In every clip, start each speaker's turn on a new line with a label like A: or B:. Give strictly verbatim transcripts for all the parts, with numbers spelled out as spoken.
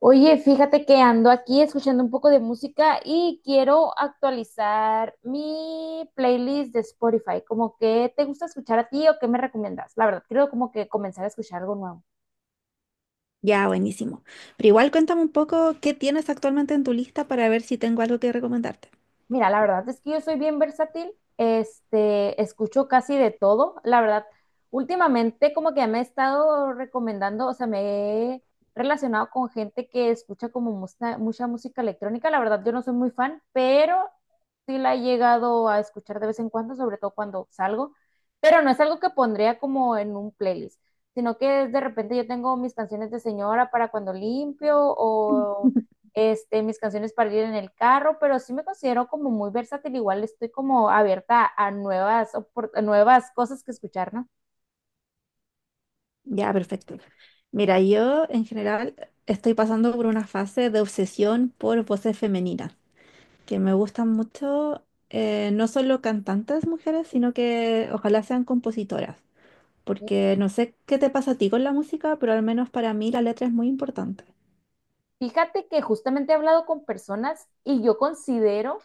A: Oye, fíjate que ando aquí escuchando un poco de música y quiero actualizar mi playlist de Spotify. ¿Como que te gusta escuchar a ti o qué me recomiendas? La verdad, quiero como que comenzar a escuchar algo nuevo.
B: Ya, buenísimo. Pero igual cuéntame un poco qué tienes actualmente en tu lista para ver si tengo algo que recomendarte.
A: Mira, la verdad es que yo soy bien versátil, este, escucho casi de todo, la verdad, últimamente como que me he estado recomendando, o sea, me he relacionado con gente que escucha como mucha, mucha música electrónica, la verdad yo no soy muy fan, pero sí la he llegado a escuchar de vez en cuando, sobre todo cuando salgo, pero no es algo que pondría como en un playlist, sino que de repente yo tengo mis canciones de señora para cuando limpio este, mis canciones para ir en el carro, pero sí me considero como muy versátil, igual estoy como abierta a nuevas, opor- a nuevas cosas que escuchar,
B: Ya, perfecto. Mira, yo en general estoy pasando por una fase de obsesión por voces femeninas, que me gustan mucho, eh, no solo cantantes mujeres, sino que ojalá sean compositoras,
A: ¿no?
B: porque no sé qué te pasa a ti con la música, pero al menos para mí la letra es muy importante.
A: Fíjate que justamente he hablado con personas y yo considero,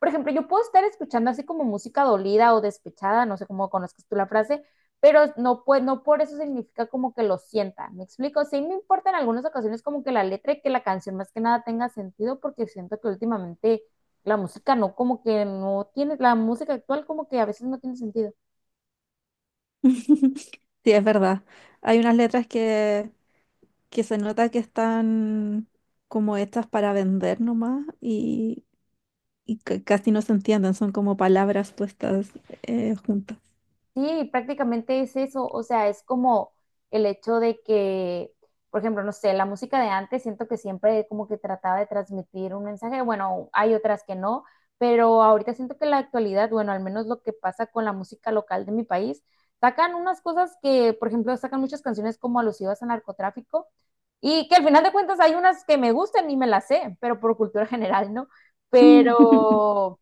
A: por ejemplo, yo puedo estar escuchando así como música dolida o despechada, no sé cómo conozcas tú la frase, pero no, pues no por eso significa como que lo sienta. ¿Me explico? Sí me importa en algunas ocasiones como que la letra y que la canción más que nada tenga sentido porque siento que últimamente la música no, como que no tiene, la música actual como que a veces no tiene sentido.
B: Sí, es verdad. Hay unas letras que que se nota que están como hechas para vender nomás y, y ca- casi no se entienden, son como palabras puestas eh, juntas.
A: Sí, prácticamente es eso, o sea, es como el hecho de que, por ejemplo, no sé, la música de antes siento que siempre como que trataba de transmitir un mensaje, bueno, hay otras que no, pero ahorita siento que en la actualidad, bueno, al menos lo que pasa con la música local de mi país, sacan unas cosas que, por ejemplo, sacan muchas canciones como alusivas al narcotráfico y que al final de cuentas hay unas que me gustan y me las sé, pero por cultura general, ¿no?
B: Ujú.
A: Pero...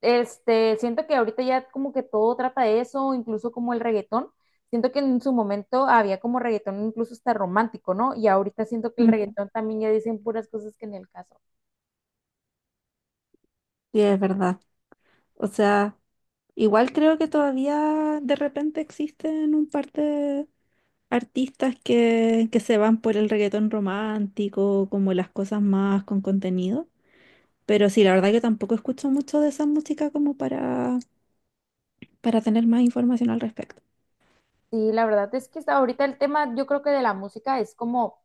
A: Este, siento que ahorita ya como que todo trata de eso, incluso como el reggaetón. Siento que en su momento había como reggaetón incluso hasta romántico, ¿no? Y ahorita siento que el reggaetón también ya dicen puras cosas que en el caso.
B: Sí, es verdad. O sea, igual creo que todavía de repente existen un par de artistas que, que se van por el reggaetón romántico, como las cosas más con contenido. Pero sí, la verdad que tampoco escucho mucho de esa música como para, para tener más información al respecto.
A: Sí, la verdad es que hasta ahorita el tema, yo creo que de la música es como,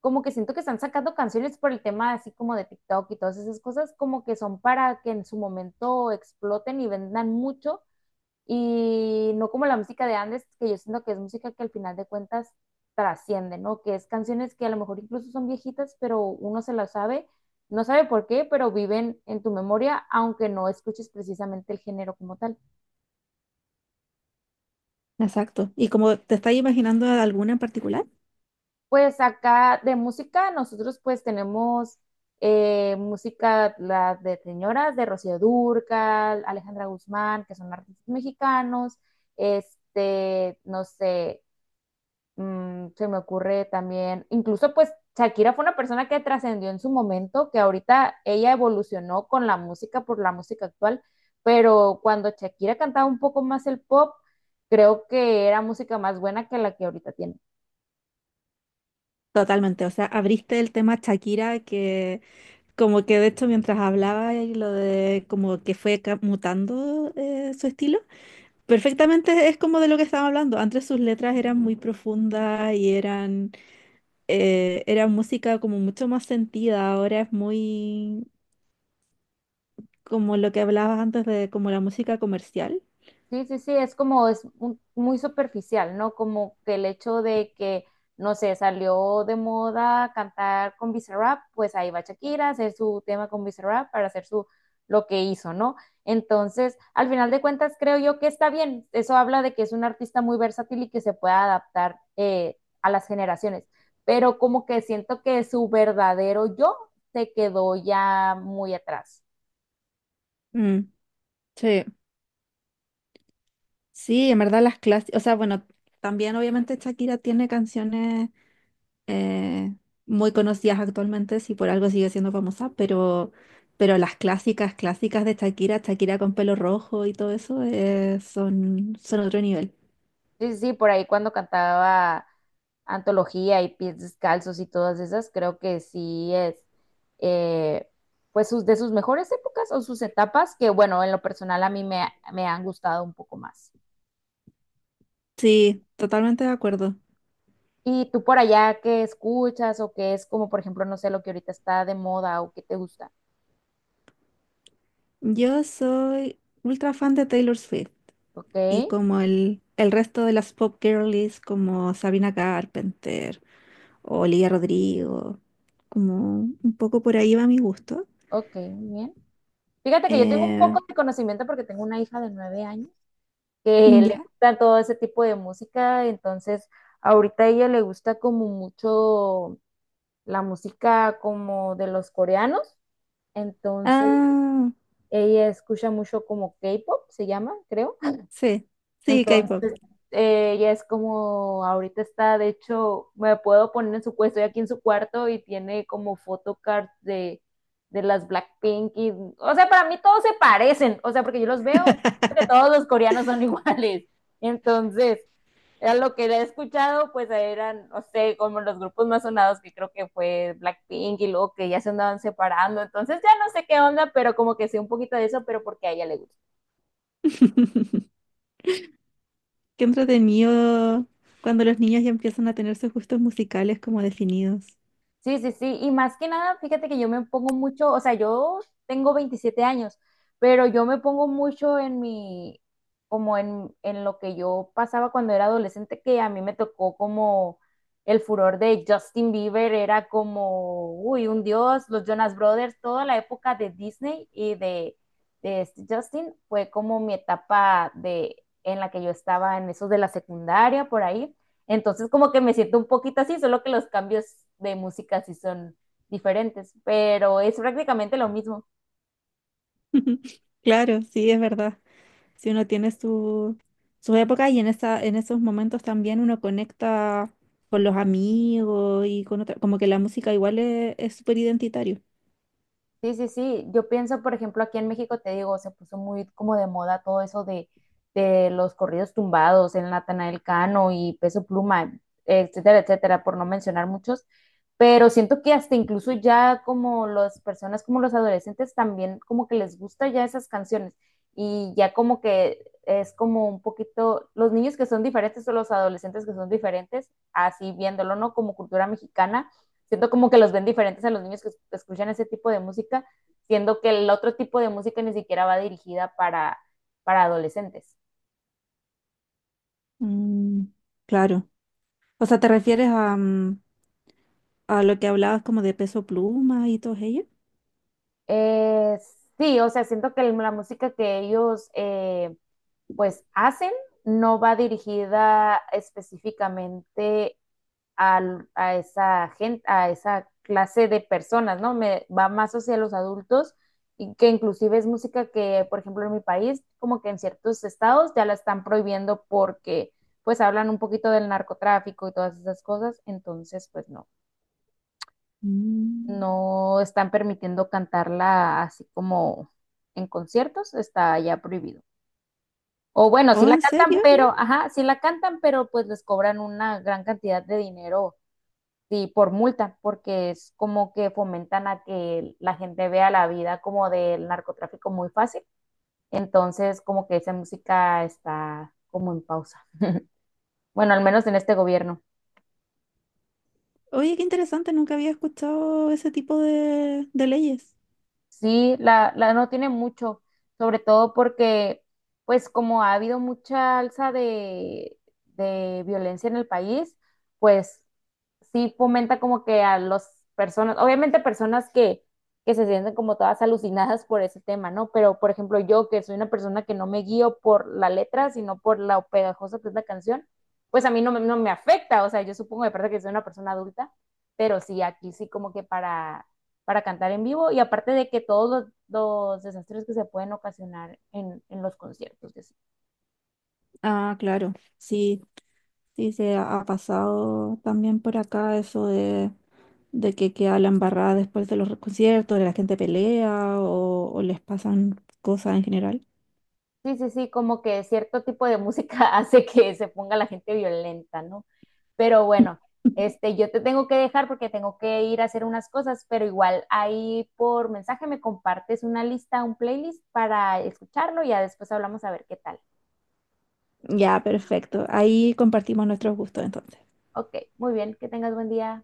A: como que siento que están sacando canciones por el tema así como de TikTok y todas esas cosas, como que son para que en su momento exploten y vendan mucho. Y no como la música de antes, que yo siento que es música que al final de cuentas trasciende, ¿no? Que es canciones que a lo mejor incluso son viejitas, pero uno se las sabe, no sabe por qué, pero viven en tu memoria, aunque no escuches precisamente el género como tal.
B: Exacto. ¿Y como te estás imaginando alguna en particular?
A: Pues acá de música, nosotros pues tenemos eh, música la de señoras, de Rocío Dúrcal, Alejandra Guzmán, que son artistas mexicanos, este, no sé, Mm, se me ocurre también, incluso pues Shakira fue una persona que trascendió en su momento, que ahorita ella evolucionó con la música por la música actual, pero cuando Shakira cantaba un poco más el pop, creo que era música más buena que la que ahorita tiene.
B: Totalmente. O sea, abriste el tema Shakira, que como que de hecho mientras hablaba y lo de como que fue ca- mutando eh, su estilo, perfectamente es como de lo que estaba hablando. Antes sus letras eran muy profundas y eran, eh, era música como mucho más sentida. Ahora es muy como lo que hablabas antes de como la música comercial.
A: Sí, sí, sí, es como, es un- muy superficial, ¿no? Como que el hecho de que, no sé, salió de moda cantar con Bizarrap, pues ahí va Shakira a hacer su tema con Bizarrap para hacer su, lo que hizo, ¿no? Entonces, al final de cuentas, creo yo que está bien. Eso habla de que es un artista muy versátil y que se puede adaptar eh, a las generaciones, pero como que siento que su verdadero yo se quedó ya muy atrás.
B: Mm, sí, sí, en verdad las clases, o sea, bueno, también obviamente Shakira tiene canciones eh, muy conocidas actualmente, si por algo sigue siendo famosa, pero, pero las clásicas, clásicas de Shakira, Shakira con pelo rojo y todo eso, eh, son, son otro nivel.
A: Sí, sí, sí, por ahí cuando cantaba Antología y Pies Descalzos y todas esas, creo que sí es, eh, pues, sus, de sus mejores épocas o sus etapas, que bueno, en lo personal a mí me, me han gustado un poco más.
B: Sí, totalmente de acuerdo.
A: ¿Y tú por allá qué escuchas o qué es como, por ejemplo, no sé, lo que ahorita está de moda o qué te gusta?
B: Yo soy ultra fan de Taylor Swift.
A: Ok,
B: Y como el, el resto de las pop girlies como Sabina Carpenter o Olivia Rodrigo, como un poco por ahí va mi gusto.
A: ok, muy bien. Fíjate que yo tengo un
B: Eh,
A: poco de conocimiento porque tengo una hija de nueve años que le
B: ya.
A: gusta todo ese tipo de música, entonces ahorita a ella le gusta como mucho la música como de los coreanos, entonces
B: Ah,
A: ella escucha mucho como K-pop, se llama, creo.
B: sí, sí, K-pop.
A: Entonces, eh, ella es como, ahorita está, de hecho, me puedo poner en su puesto, estoy aquí en su cuarto y tiene como photocards de, de las Blackpink y, o sea, para mí todos se parecen, o sea, porque yo los veo y creo que todos los coreanos son iguales. Entonces, a lo que he escuchado, pues eran, no sé, como los grupos más sonados que creo que fue Blackpink y luego que ya se andaban separando, entonces ya no sé qué onda, pero como que sé un poquito de eso, pero porque a ella le gusta.
B: Qué entretenido cuando los niños ya empiezan a tener sus gustos musicales como definidos.
A: Sí, sí, sí. Y más que nada, fíjate que yo me pongo mucho, o sea, yo tengo veintisiete años, pero yo me pongo mucho en mi, como en, en lo que yo pasaba cuando era adolescente, que a mí me tocó como el furor de Justin Bieber, era como, uy, un dios, los Jonas Brothers, toda la época de Disney y de, de este Justin fue como mi etapa de, en la que yo estaba en esos de la secundaria, por ahí. Entonces como que me siento un poquito así, solo que los cambios de música sí son diferentes, pero es prácticamente lo mismo.
B: Claro, sí, es verdad. Si uno tiene su, su época y en esa, en esos momentos también uno conecta con los amigos y con otra, como que la música igual es, es súper identitario.
A: Sí, sí, sí. Yo pienso, por ejemplo, aquí en México, te digo, se puso muy como de moda todo eso de, de los corridos tumbados, el Natanael Cano y Peso Pluma, etcétera, etcétera, por no mencionar muchos. Pero siento que hasta incluso ya como las personas, como los adolescentes, también como que les gusta ya esas canciones. Y ya como que es como un poquito, los niños que son diferentes o los adolescentes que son diferentes, así viéndolo, ¿no? Como cultura mexicana, siento como que los ven diferentes a los niños que escuchan ese tipo de música, siendo que el otro tipo de música ni siquiera va dirigida para, para adolescentes.
B: Mm, claro. O sea, ¿te refieres a, mm, a lo que hablabas como de Peso Pluma y todos ellos?
A: Eh, sí, o sea, siento que la música que ellos eh, pues hacen no va dirigida específicamente a, a esa gente, a esa clase de personas, ¿no? Me va más hacia los adultos y que inclusive es música que, por ejemplo, en mi país, como que en ciertos estados ya la están prohibiendo porque pues hablan un poquito del narcotráfico y todas esas cosas, entonces pues no,
B: Mm.
A: no están permitiendo cantarla así como en conciertos, está ya prohibido. O bueno, sí
B: Oh,
A: la
B: ¿en
A: cantan,
B: serio?
A: pero, ajá, sí la cantan, pero pues les cobran una gran cantidad de dinero. Sí, por multa, porque es como que fomentan a que la gente vea la vida como del narcotráfico muy fácil. Entonces, como que esa música está como en pausa. Bueno, al menos en este gobierno.
B: Oye, qué interesante, nunca había escuchado ese tipo de, de leyes.
A: Sí, la, la no tiene mucho, sobre todo porque, pues como ha habido mucha alza de, de violencia en el país, pues sí fomenta como que a las personas, obviamente personas que, que se sienten como todas alucinadas por ese tema, ¿no? Pero, por ejemplo, yo que soy una persona que no me guío por la letra, sino por lo pegajosa que es la canción, pues a mí no, me- no me afecta, o sea, yo supongo de parte que soy una persona adulta, pero sí, aquí sí como que para para cantar en vivo y aparte de que todos los, los desastres que se pueden ocasionar en, en los conciertos.
B: Ah, claro, sí, sí se ha ha pasado también por acá eso de, de que queda la embarrada después de los conciertos, de la gente pelea o, o les pasan cosas en general.
A: Sí, sí, sí, como que cierto tipo de música hace que se ponga la gente violenta, ¿no? Pero bueno, este, yo te tengo que dejar porque tengo que ir a hacer unas cosas, pero igual ahí por mensaje me compartes una lista, un playlist para escucharlo y ya después hablamos a ver qué tal.
B: Ya, perfecto. Ahí compartimos nuestros gustos entonces.
A: Ok, muy bien, que tengas buen día.